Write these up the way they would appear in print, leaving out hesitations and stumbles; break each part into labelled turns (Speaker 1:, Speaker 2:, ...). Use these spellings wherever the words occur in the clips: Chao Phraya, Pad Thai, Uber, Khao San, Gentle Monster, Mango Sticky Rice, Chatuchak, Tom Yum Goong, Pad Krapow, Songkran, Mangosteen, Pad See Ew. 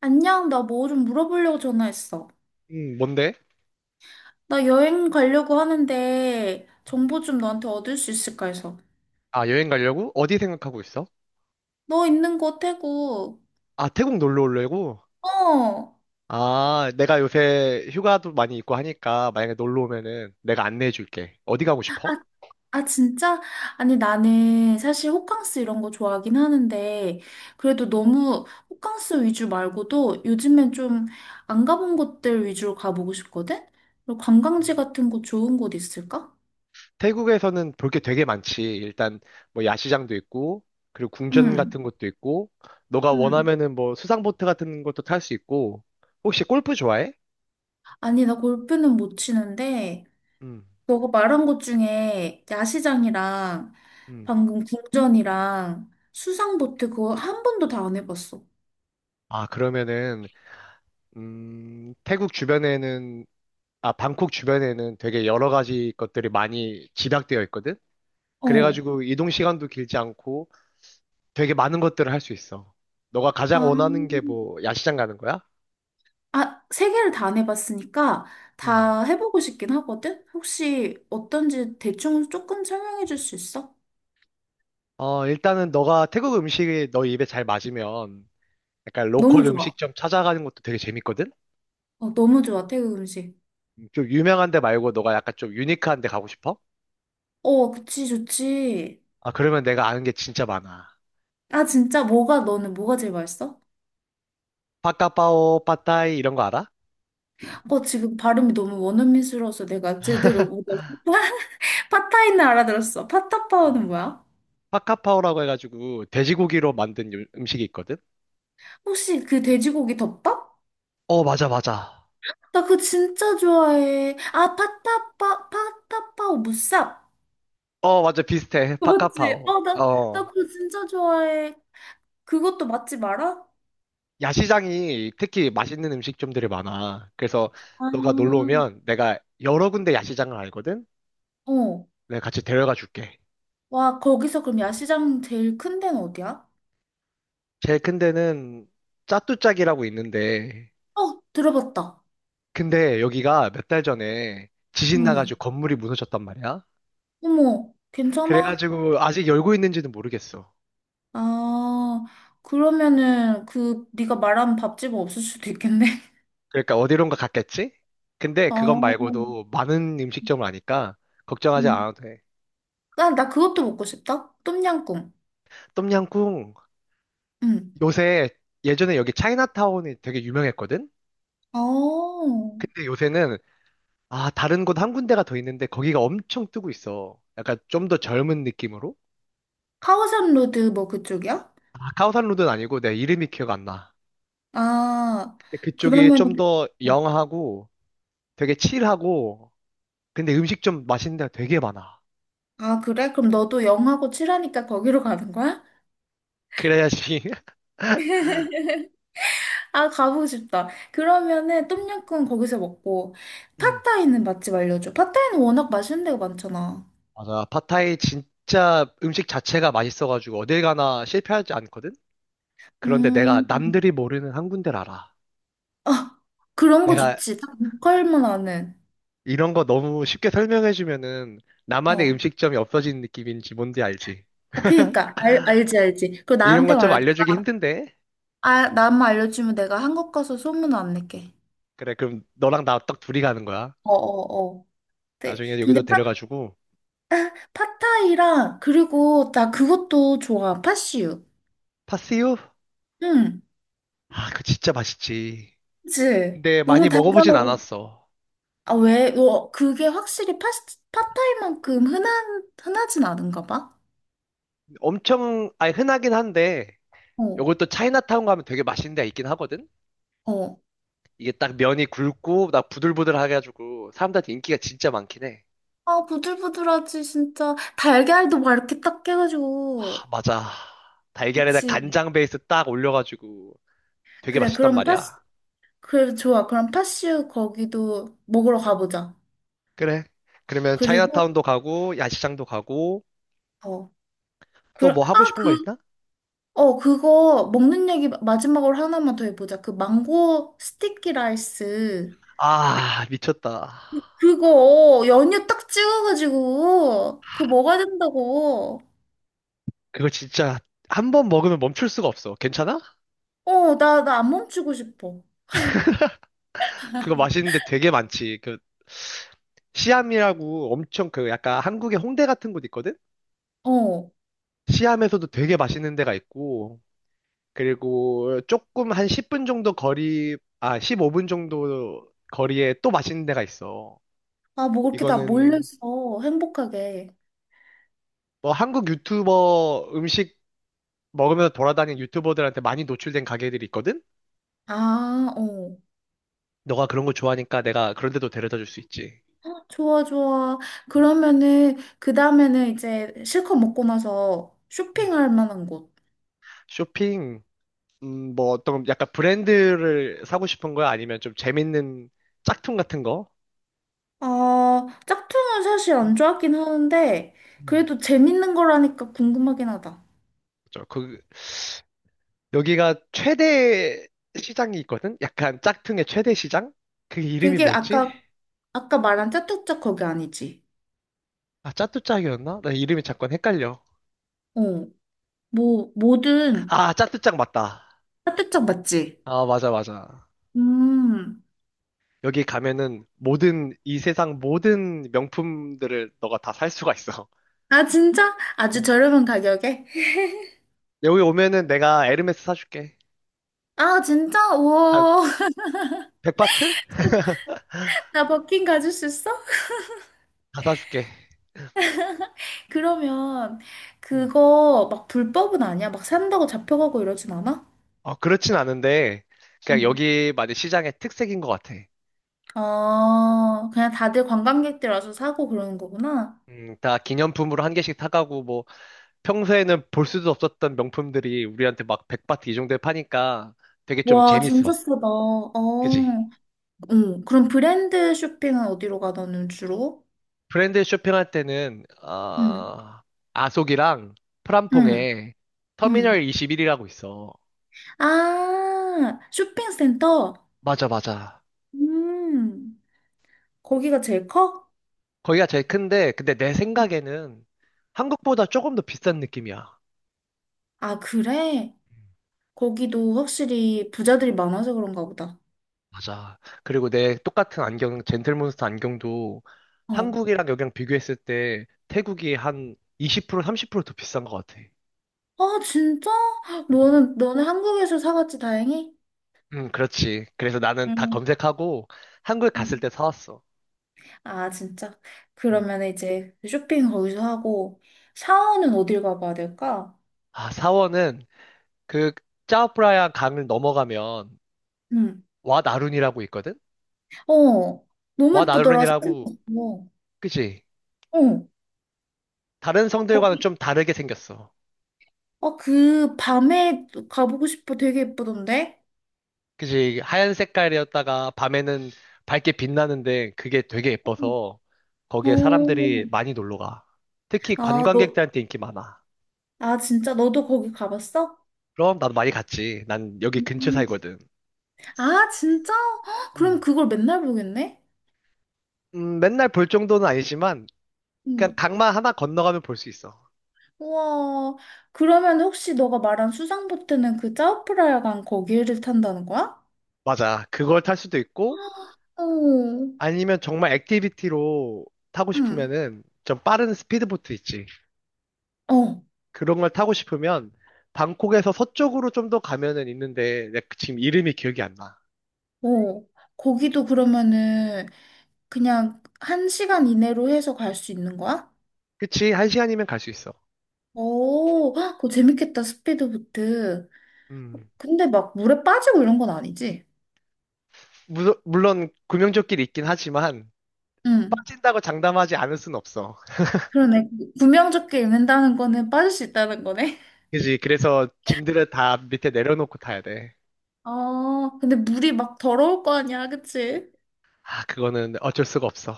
Speaker 1: 안녕, 나 뭐 좀 물어보려고 전화했어.
Speaker 2: 뭔데?
Speaker 1: 나 여행 가려고 하는데
Speaker 2: 음.
Speaker 1: 정보 좀 너한테 얻을 수 있을까 해서.
Speaker 2: 아, 여행 가려고? 어디 생각하고 있어?
Speaker 1: 너 있는 곳 태국.
Speaker 2: 아, 태국 놀러 오려고?
Speaker 1: 어.
Speaker 2: 아, 내가 요새 휴가도 많이 있고 하니까 만약에 놀러 오면은 내가 안내해 줄게. 어디 가고
Speaker 1: 아,
Speaker 2: 싶어?
Speaker 1: 아, 진짜? 아니 나는 사실 호캉스 이런 거 좋아하긴 하는데 그래도 너무 호캉스 위주 말고도 요즘엔 좀 안 가본 곳들 위주로 가보고 싶거든? 그리고 관광지 같은 곳 좋은 곳 있을까?
Speaker 2: 태국에서는 볼게 되게 많지. 일단 뭐 야시장도 있고, 그리고 궁전
Speaker 1: 응.
Speaker 2: 같은 것도 있고, 너가
Speaker 1: 응.
Speaker 2: 원하면은 뭐 수상보트 같은 것도 탈 수 있고, 혹시 골프 좋아해?
Speaker 1: 아니 나 골프는 못 치는데
Speaker 2: 음,
Speaker 1: 너가 말한 것 중에 야시장이랑
Speaker 2: 음.
Speaker 1: 방금 궁전이랑 수상보트 그거 한 번도 다 안 해봤어.
Speaker 2: 아, 그러면은, 태국 주변에는 아, 방콕 주변에는 되게 여러 가지 것들이 많이 집약되어 있거든?
Speaker 1: 어.
Speaker 2: 그래가지고 이동 시간도 길지 않고 되게 많은 것들을 할 수 있어. 너가 가장
Speaker 1: 아,
Speaker 2: 원하는 게 뭐, 야시장 가는 거야?
Speaker 1: 세 개를 다 안 해봤으니까
Speaker 2: 음.
Speaker 1: 다 해보고 싶긴 하거든? 혹시 어떤지 대충 조금 설명해 줄 수 있어?
Speaker 2: 어, 일단은 너가 태국 음식이 너 입에 잘 맞으면 약간
Speaker 1: 너무
Speaker 2: 로컬
Speaker 1: 좋아.
Speaker 2: 음식점 찾아가는 것도 되게 재밌거든?
Speaker 1: 어, 너무 좋아, 태국 음식.
Speaker 2: 좀 유명한 데 말고 너가 약간 좀 유니크한 데 가고 싶어?
Speaker 1: 어, 그치, 좋지.
Speaker 2: 아, 그러면 내가 아는 게 진짜 많아.
Speaker 1: 아, 진짜 뭐가 너는 뭐가 제일 맛있어?
Speaker 2: 파카파오, 파타이 이런 거 알아?
Speaker 1: 어, 지금 발음이 너무 원어민스러워서 내가 제대로 못 알아. 팟타이는 알아들었어.
Speaker 2: 어.
Speaker 1: 팟타파오는 뭐야?
Speaker 2: 파카파오라고 해가지고 돼지고기로 만든 음식이 있거든?
Speaker 1: 혹시 그 돼지고기 덮밥?
Speaker 2: 어, 맞아, 맞아.
Speaker 1: 나 그거 진짜 좋아해. 아, 파타파오 무쌉.
Speaker 2: 어, 맞아. 비슷해.
Speaker 1: 맞지?
Speaker 2: 파카파오.
Speaker 1: 어, 나
Speaker 2: 어.
Speaker 1: 그거 진짜 좋아해. 그것도 맛집 알아?
Speaker 2: 야시장이 특히 맛있는 음식점들이 많아. 그래서 너가 놀러
Speaker 1: 아,
Speaker 2: 오면 내가 여러 군데 야시장을 알거든?
Speaker 1: 어.
Speaker 2: 내가 같이 데려가 줄게.
Speaker 1: 와, 거기서 그럼 야시장 제일 큰 데는 어디야?
Speaker 2: 제일 큰 데는 짜뚜짝이라고 있는데,
Speaker 1: 어, 들어봤다.
Speaker 2: 근데 여기가 몇 달 전에 지진
Speaker 1: 응.
Speaker 2: 나가지고 건물이 무너졌단 말이야.
Speaker 1: 어머, 괜찮아?
Speaker 2: 그래가지고 아직 열고 있는지는 모르겠어.
Speaker 1: 아, 그러면은 그 네가 말한 밥집은 없을 수도 있겠네.
Speaker 2: 그러니까 어디론가 갔겠지? 근데 그것
Speaker 1: 어,
Speaker 2: 말고도 많은 음식점을 아니까 걱정하지
Speaker 1: 응.
Speaker 2: 않아도 돼.
Speaker 1: 나 그것도 먹고 싶다. 똠양꿍.
Speaker 2: 똠양꿍
Speaker 1: 응.
Speaker 2: 요새 예전에 여기 차이나타운이 되게 유명했거든?
Speaker 1: 어,
Speaker 2: 근데 요새는 아, 다른 곳 한 군데가 더 있는데 거기가 엄청 뜨고 있어. 약간 좀 더 젊은 느낌으로?
Speaker 1: 카오산 로드 뭐 그쪽이야?
Speaker 2: 아, 카오산로드는 아니고 내 이름이 기억 안 나.
Speaker 1: 아,
Speaker 2: 근데 그쪽이
Speaker 1: 그러면,
Speaker 2: 좀 더
Speaker 1: 어,
Speaker 2: 영하고 되게 칠하고 근데 음식 좀 맛있는 데가 되게 많아.
Speaker 1: 아, 그래? 그럼 너도 영하고 칠하니까 거기로 가는 거야?
Speaker 2: 그래야지.
Speaker 1: 아, 가보고 싶다. 그러면은 똠양꿍 거기서 먹고,
Speaker 2: 음,
Speaker 1: 팟타이는 맛집 알려줘. 팟타이는 워낙 맛있는 데가 많잖아.
Speaker 2: 맞아. 팟타이 진짜 음식 자체가 맛있어가지고 어딜 가나 실패하지 않거든? 그런데 내가
Speaker 1: 음,
Speaker 2: 남들이 모르는 한 군데를 알아.
Speaker 1: 아, 그런 거
Speaker 2: 내가
Speaker 1: 좋지. 딱 로컬만 아는.
Speaker 2: 이런 거 너무 쉽게 설명해주면은 나만의
Speaker 1: 어.
Speaker 2: 음식점이 없어지는 느낌인지 뭔지 알지?
Speaker 1: 아, 그니까, 알지, 알지. 그거
Speaker 2: 이런
Speaker 1: 나한테
Speaker 2: 것 좀
Speaker 1: 말해줘.
Speaker 2: 알려주기 힘든데?
Speaker 1: 아, 나만 알려주면 내가 한국 가서 소문 안 낼게.
Speaker 2: 그래, 그럼 너랑 나 딱 둘이 가는 거야.
Speaker 1: 어어어. 근데
Speaker 2: 나중에 여기도 데려가지고.
Speaker 1: 아, 팟타이랑 그리고 나 그것도 좋아. 팥슈.
Speaker 2: 파스유?
Speaker 1: 응.
Speaker 2: 아, 그거 진짜 맛있지.
Speaker 1: 그치?
Speaker 2: 근데
Speaker 1: 너무
Speaker 2: 많이 먹어보진
Speaker 1: 달달하고.
Speaker 2: 않았어.
Speaker 1: 아, 왜? 어, 그게 확실히 팟타이만큼 흔하진 않은가 봐.
Speaker 2: 엄청, 아니, 흔하긴 한데,
Speaker 1: 어,
Speaker 2: 요것도 차이나타운 가면 되게 맛있는 데가 있긴 하거든?
Speaker 1: 어.
Speaker 2: 이게 딱 면이 굵고, 나 부들부들하게 해가지고, 사람들한테 인기가 진짜 많긴 해.
Speaker 1: 아, 부들부들하지, 진짜. 달걀도 막 이렇게 딱
Speaker 2: 아,
Speaker 1: 깨가지고.
Speaker 2: 맞아. 달걀에다
Speaker 1: 그치?
Speaker 2: 간장 베이스 딱 올려가지고, 되게
Speaker 1: 그래,
Speaker 2: 맛있단
Speaker 1: 그럼 팥,
Speaker 2: 말이야.
Speaker 1: 그래, 좋아. 그럼 파슈 거기도 먹으러 가보자.
Speaker 2: 그래. 그러면
Speaker 1: 그리고,
Speaker 2: 차이나타운도 가고, 야시장도 가고,
Speaker 1: 어. 그,
Speaker 2: 또
Speaker 1: 아,
Speaker 2: 뭐 하고 싶은 거
Speaker 1: 그
Speaker 2: 있나?
Speaker 1: 그거 먹는 얘기 마지막으로 하나만 더 해보자. 그 망고 스티키 라이스.
Speaker 2: 아, 미쳤다.
Speaker 1: 그거 연유 딱 찍어가지고 그거 먹어야 된다고.
Speaker 2: 그거 진짜 한 번 먹으면 멈출 수가 없어. 괜찮아?
Speaker 1: 어, 나 안 멈추고 싶어.
Speaker 2: 그거 맛있는데 되게 많지. 그, 시암이라고 엄청 그 약간 한국의 홍대 같은 곳 있거든?
Speaker 1: 어.
Speaker 2: 시암에서도 되게 맛있는 데가 있고, 그리고 조금 한 10분 정도 거리, 아, 15분 정도 거리에 또 맛있는 데가 있어.
Speaker 1: 아, 뭐 그렇게 다
Speaker 2: 이거는
Speaker 1: 몰려서 행복하게.
Speaker 2: 뭐 한국 유튜버 음식 먹으면서 돌아다니는 유튜버들한테 많이 노출된 가게들이 있거든?
Speaker 1: 아, 어.
Speaker 2: 너가 그런 거 좋아하니까 내가 그런 데도 데려다 줄 수 있지.
Speaker 1: 헉, 좋아, 좋아. 그러면은 그 다음에는 이제 실컷 먹고 나서
Speaker 2: 음.
Speaker 1: 쇼핑할 만한 곳.
Speaker 2: 쇼핑, 뭐 어떤 약간 브랜드를 사고 싶은 거야? 아니면 좀 재밌는 짝퉁 같은 거?
Speaker 1: 아, 짝퉁은 사실 안
Speaker 2: 음,
Speaker 1: 좋아하긴 하는데,
Speaker 2: 음.
Speaker 1: 그래도 재밌는 거라니까 궁금하긴 하다.
Speaker 2: 그죠. 그, 여기가 최대 시장이 있거든? 약간 짝퉁의 최대 시장? 그게 이름이
Speaker 1: 그게
Speaker 2: 뭐였지?
Speaker 1: 아까 말한 짜뚜짝 거기 아니지?
Speaker 2: 아, 짜뚜짝이었나? 나 이름이 잠깐 헷갈려.
Speaker 1: 어, 뭐든
Speaker 2: 아, 짜뚜짝 맞다.
Speaker 1: 짜뚜짝 맞지?
Speaker 2: 아, 맞아, 맞아.
Speaker 1: 음.
Speaker 2: 여기 가면은 모든, 이 세상 모든 명품들을 너가 다 살 수가 있어.
Speaker 1: 아, 진짜? 아주
Speaker 2: 음.
Speaker 1: 저렴한 가격에?
Speaker 2: 여기 오면은 내가 에르메스 사줄게.
Speaker 1: 아, 진짜?
Speaker 2: 한
Speaker 1: 우와.
Speaker 2: 100바트?
Speaker 1: 나 버킨 가질 수 있어?
Speaker 2: 다 사줄게.
Speaker 1: 그러면
Speaker 2: 음.
Speaker 1: 그거 막 불법은 아니야? 막 산다고 잡혀가고 이러진 않아?
Speaker 2: 어, 그렇진 않은데, 그냥
Speaker 1: 응.
Speaker 2: 여기 만약 시장의 특색인 것 같아.
Speaker 1: 아, 그냥 다들 관광객들 와서 사고 그러는 거구나.
Speaker 2: 다 기념품으로 한 개씩 사가고, 뭐, 평소에는 볼 수도 없었던 명품들이 우리한테 막 100바트 이 정도에 파니까 되게 좀
Speaker 1: 와,
Speaker 2: 재밌어.
Speaker 1: 진짜 싸다. 어,
Speaker 2: 그지?
Speaker 1: 응. 그럼 브랜드 쇼핑은 어디로 가, 너는 주로?
Speaker 2: 브랜드 쇼핑할 때는
Speaker 1: 응,
Speaker 2: 아속이랑
Speaker 1: 응,
Speaker 2: 프람퐁에
Speaker 1: 응.
Speaker 2: 터미널 21이라고 있어.
Speaker 1: 아, 쇼핑센터?
Speaker 2: 맞아, 맞아.
Speaker 1: 음, 거기가 제일 커?
Speaker 2: 거기가 제일 큰데 근데 내 생각에는 한국보다 조금 더 비싼 느낌이야.
Speaker 1: 아, 그래? 거기도 확실히 부자들이 많아서 그런가 보다.
Speaker 2: 맞아. 그리고 내 똑같은 안경, 젠틀몬스터 안경도
Speaker 1: 어.
Speaker 2: 한국이랑 여기랑 비교했을 때 태국이 한 20% 30%더 비싼 것 같아. 음.
Speaker 1: 아, 진짜? 너는 한국에서 사갔지, 다행히?
Speaker 2: 응, 그렇지. 그래서 나는 다
Speaker 1: 응,
Speaker 2: 검색하고 한국에 갔을
Speaker 1: 응.
Speaker 2: 때 사왔어.
Speaker 1: 아, 진짜?
Speaker 2: 음.
Speaker 1: 그러면 이제 쇼핑 거기서 하고, 샤워는 어딜 가봐야 될까?
Speaker 2: 아, 사원은 그 짜오프라야 강을 넘어가면
Speaker 1: 응.
Speaker 2: 와나룬이라고 있거든?
Speaker 1: 어, 너무 예쁘더라, 사진
Speaker 2: 와나룬이라고,
Speaker 1: 봤어.
Speaker 2: 그지?
Speaker 1: 어,
Speaker 2: 다른 성들과는
Speaker 1: 거기
Speaker 2: 좀 다르게 생겼어.
Speaker 1: 아, 그 밤에 가보고 싶어. 되게 예쁘던데?
Speaker 2: 그지? 하얀 색깔이었다가 밤에는 밝게 빛나는데 그게 되게 예뻐서
Speaker 1: 어,
Speaker 2: 거기에 사람들이 많이 놀러 가. 특히
Speaker 1: 아, 너,
Speaker 2: 관광객들한테 인기 많아.
Speaker 1: 아, 진짜 너도 거기 가봤어?
Speaker 2: 그럼 나도 많이 갔지. 난 여기 근처
Speaker 1: 음,
Speaker 2: 살거든.
Speaker 1: 아, 진짜? 헉, 그럼
Speaker 2: 음.
Speaker 1: 그걸 맨날 보겠네?
Speaker 2: 맨날 볼 정도는 아니지만 그냥
Speaker 1: 음,
Speaker 2: 강만 하나 건너가면 볼 수 있어.
Speaker 1: 우와. 그러면 혹시 너가 말한 수상보트는 그 짜오프라야간 거기를 탄다는 거야?
Speaker 2: 맞아. 그걸 탈 수도 있고
Speaker 1: 어, 응,
Speaker 2: 아니면 정말 액티비티로 타고 싶으면은 좀 빠른 스피드보트 있지.
Speaker 1: 어,
Speaker 2: 그런 걸 타고 싶으면 방콕에서 서쪽으로 좀 더 가면은 있는데 내가 지금 이름이 기억이 안 나.
Speaker 1: 어. 거기도 그러면은 그냥 한 시간 이내로 해서 갈 수 있는 거야?
Speaker 2: 그치? 한 시간이면 갈 수 있어.
Speaker 1: 오, 헉, 그거 재밌겠다, 스피드보트.
Speaker 2: 음.
Speaker 1: 근데 막 물에 빠지고 이런 건 아니지?
Speaker 2: 물론 구명조끼리 있긴 하지만
Speaker 1: 응.
Speaker 2: 빠진다고 장담하지 않을 순 없어.
Speaker 1: 그러네. 구명조끼 입는다는 거는 빠질 수 있다는 거네.
Speaker 2: 그지? 그래서 짐들을 다 밑에 내려놓고 타야 돼.
Speaker 1: 아, 근데 물이 막 더러울 거 아니야, 그치?
Speaker 2: 아, 그거는 어쩔 수가 없어.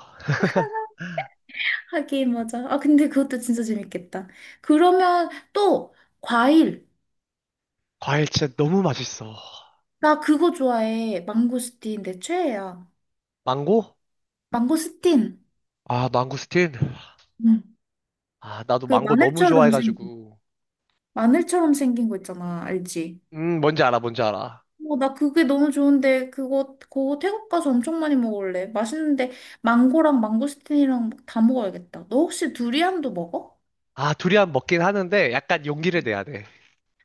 Speaker 1: 하긴, 맞아. 아, 근데 그것도 진짜 재밌겠다. 그러면 또, 과일.
Speaker 2: 과일 진짜 너무 맛있어.
Speaker 1: 나 그거 좋아해. 망고스틴, 내 최애야.
Speaker 2: 망고?
Speaker 1: 망고스틴.
Speaker 2: 아, 망고스틴?
Speaker 1: 응.
Speaker 2: 아, 나도
Speaker 1: 그
Speaker 2: 망고 너무 좋아해가지고.
Speaker 1: 마늘처럼 생긴 거 있잖아, 알지?
Speaker 2: 뭔지 알아, 뭔지 알아.
Speaker 1: 어, 나 그게 너무 좋은데 그거 태국 가서 엄청 많이 먹을래. 맛있는데 망고랑 망고스틴이랑 막다 먹어야겠다. 너 혹시 두리안도 먹어?
Speaker 2: 아, 두리안 먹긴 하는데 약간 용기를 내야 돼.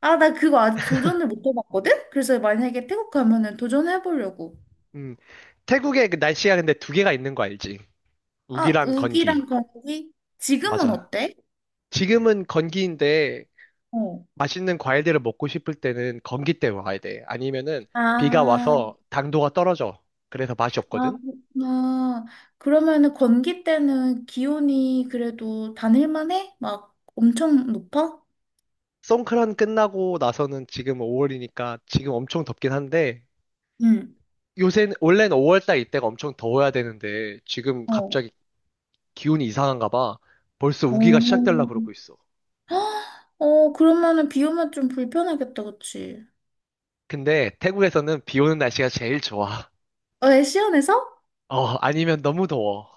Speaker 1: 아, 나 그거 아직 도전을 못 해봤거든? 그래서 만약에 태국 가면은 도전해보려고.
Speaker 2: 음, 태국의 그 날씨가 근데 두 개가 있는 거 알지?
Speaker 1: 아,
Speaker 2: 우기랑
Speaker 1: 우기랑
Speaker 2: 건기.
Speaker 1: 거기? 지금은
Speaker 2: 맞아.
Speaker 1: 어때?
Speaker 2: 지금은 건기인데
Speaker 1: 어.
Speaker 2: 맛있는 과일들을 먹고 싶을 때는 건기 때 와야 돼. 아니면은 비가
Speaker 1: 아,
Speaker 2: 와서 당도가 떨어져. 그래서 맛이 없거든?
Speaker 1: 그렇구나. 그러면은 건기 때는 기온이 그래도 다닐만 해? 막 엄청 높아?
Speaker 2: 송크란 끝나고 나서는 지금 5월이니까 지금 엄청 덥긴 한데
Speaker 1: 응.
Speaker 2: 요새 원래는 5월달 이때가 엄청 더워야 되는데 지금
Speaker 1: 어.
Speaker 2: 갑자기 기온이 이상한가 봐. 벌써 우기가 시작되려고
Speaker 1: 어.
Speaker 2: 그러고 있어.
Speaker 1: 헉, 어, 그러면은 비 오면 좀 불편하겠다, 그치?
Speaker 2: 근데 태국에서는 비 오는 날씨가 제일 좋아.
Speaker 1: 어, 애 시원해서?
Speaker 2: 어, 아니면 너무 더워.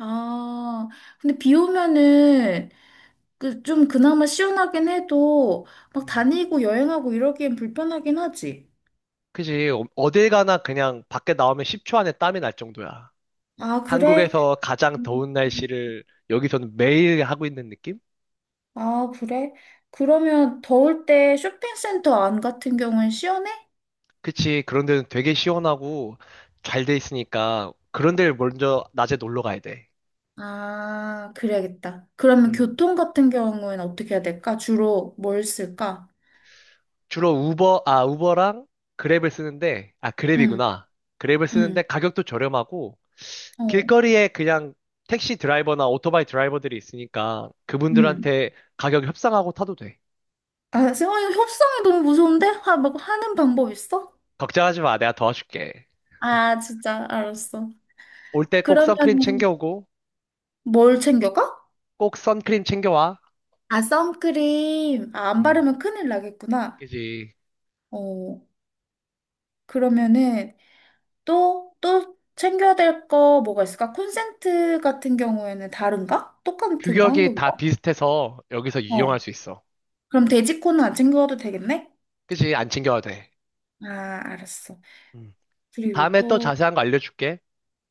Speaker 1: 아, 근데 비 오면은 그 좀 그나마 시원하긴 해도 막
Speaker 2: 음.
Speaker 1: 다니고 여행하고 이러기엔 불편하긴 하지.
Speaker 2: 그지? 어- 어딜 가나 그냥 밖에 나오면 10초 안에 땀이 날 정도야.
Speaker 1: 아, 그래?
Speaker 2: 한국에서 가장
Speaker 1: 음.
Speaker 2: 더운 날씨를 여기서는 매일 하고 있는 느낌?
Speaker 1: 아, 그래? 그러면 더울 때 쇼핑센터 안 같은 경우엔 시원해?
Speaker 2: 그치? 그런 데는 되게 시원하고 잘 돼 있으니까 그런 데를 먼저 낮에 놀러 가야 돼.
Speaker 1: 아, 그래야겠다. 그러면
Speaker 2: 음.
Speaker 1: 교통 같은 경우엔 어떻게 해야 될까? 주로 뭘 쓸까?
Speaker 2: 주로 우버, 아, 우버랑 그랩을 쓰는데, 아,
Speaker 1: 응,
Speaker 2: 그랩이구나. 그랩을 쓰는데
Speaker 1: 응,
Speaker 2: 가격도 저렴하고
Speaker 1: 어,
Speaker 2: 길거리에 그냥 택시 드라이버나 오토바이 드라이버들이 있으니까
Speaker 1: 응.
Speaker 2: 그분들한테 가격 협상하고 타도 돼.
Speaker 1: 아, 세영아, 이 협상이 너무 무서운데? 하, 막 하는 방법 있어?
Speaker 2: 걱정하지 마. 내가 도와줄게.
Speaker 1: 아, 진짜, 알았어.
Speaker 2: 올 때 꼭
Speaker 1: 그러면
Speaker 2: 선크림 챙겨오고
Speaker 1: 뭘 챙겨가?
Speaker 2: 꼭 선크림 챙겨와.
Speaker 1: 아, 선크림. 아, 안
Speaker 2: 음,
Speaker 1: 바르면 큰일 나겠구나.
Speaker 2: 그지.
Speaker 1: 어, 그러면은 또, 또 챙겨야 될 거 뭐가 있을까? 콘센트 같은 경우에는 다른가? 똑같은가?
Speaker 2: 규격이 다
Speaker 1: 한국이가?
Speaker 2: 비슷해서 여기서 이용할
Speaker 1: 어,
Speaker 2: 수 있어.
Speaker 1: 그럼 돼지코는 안 챙겨가도 되겠네?
Speaker 2: 그지? 안 챙겨와도 돼.
Speaker 1: 아, 알았어.
Speaker 2: 음.
Speaker 1: 그리고
Speaker 2: 다음에 또
Speaker 1: 또,
Speaker 2: 자세한 거 알려줄게.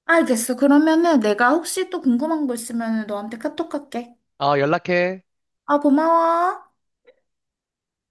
Speaker 1: 알겠어. 그러면은 내가 혹시 또 궁금한 거 있으면 너한테 카톡 할게.
Speaker 2: 어, 연락해.
Speaker 1: 아, 고마워.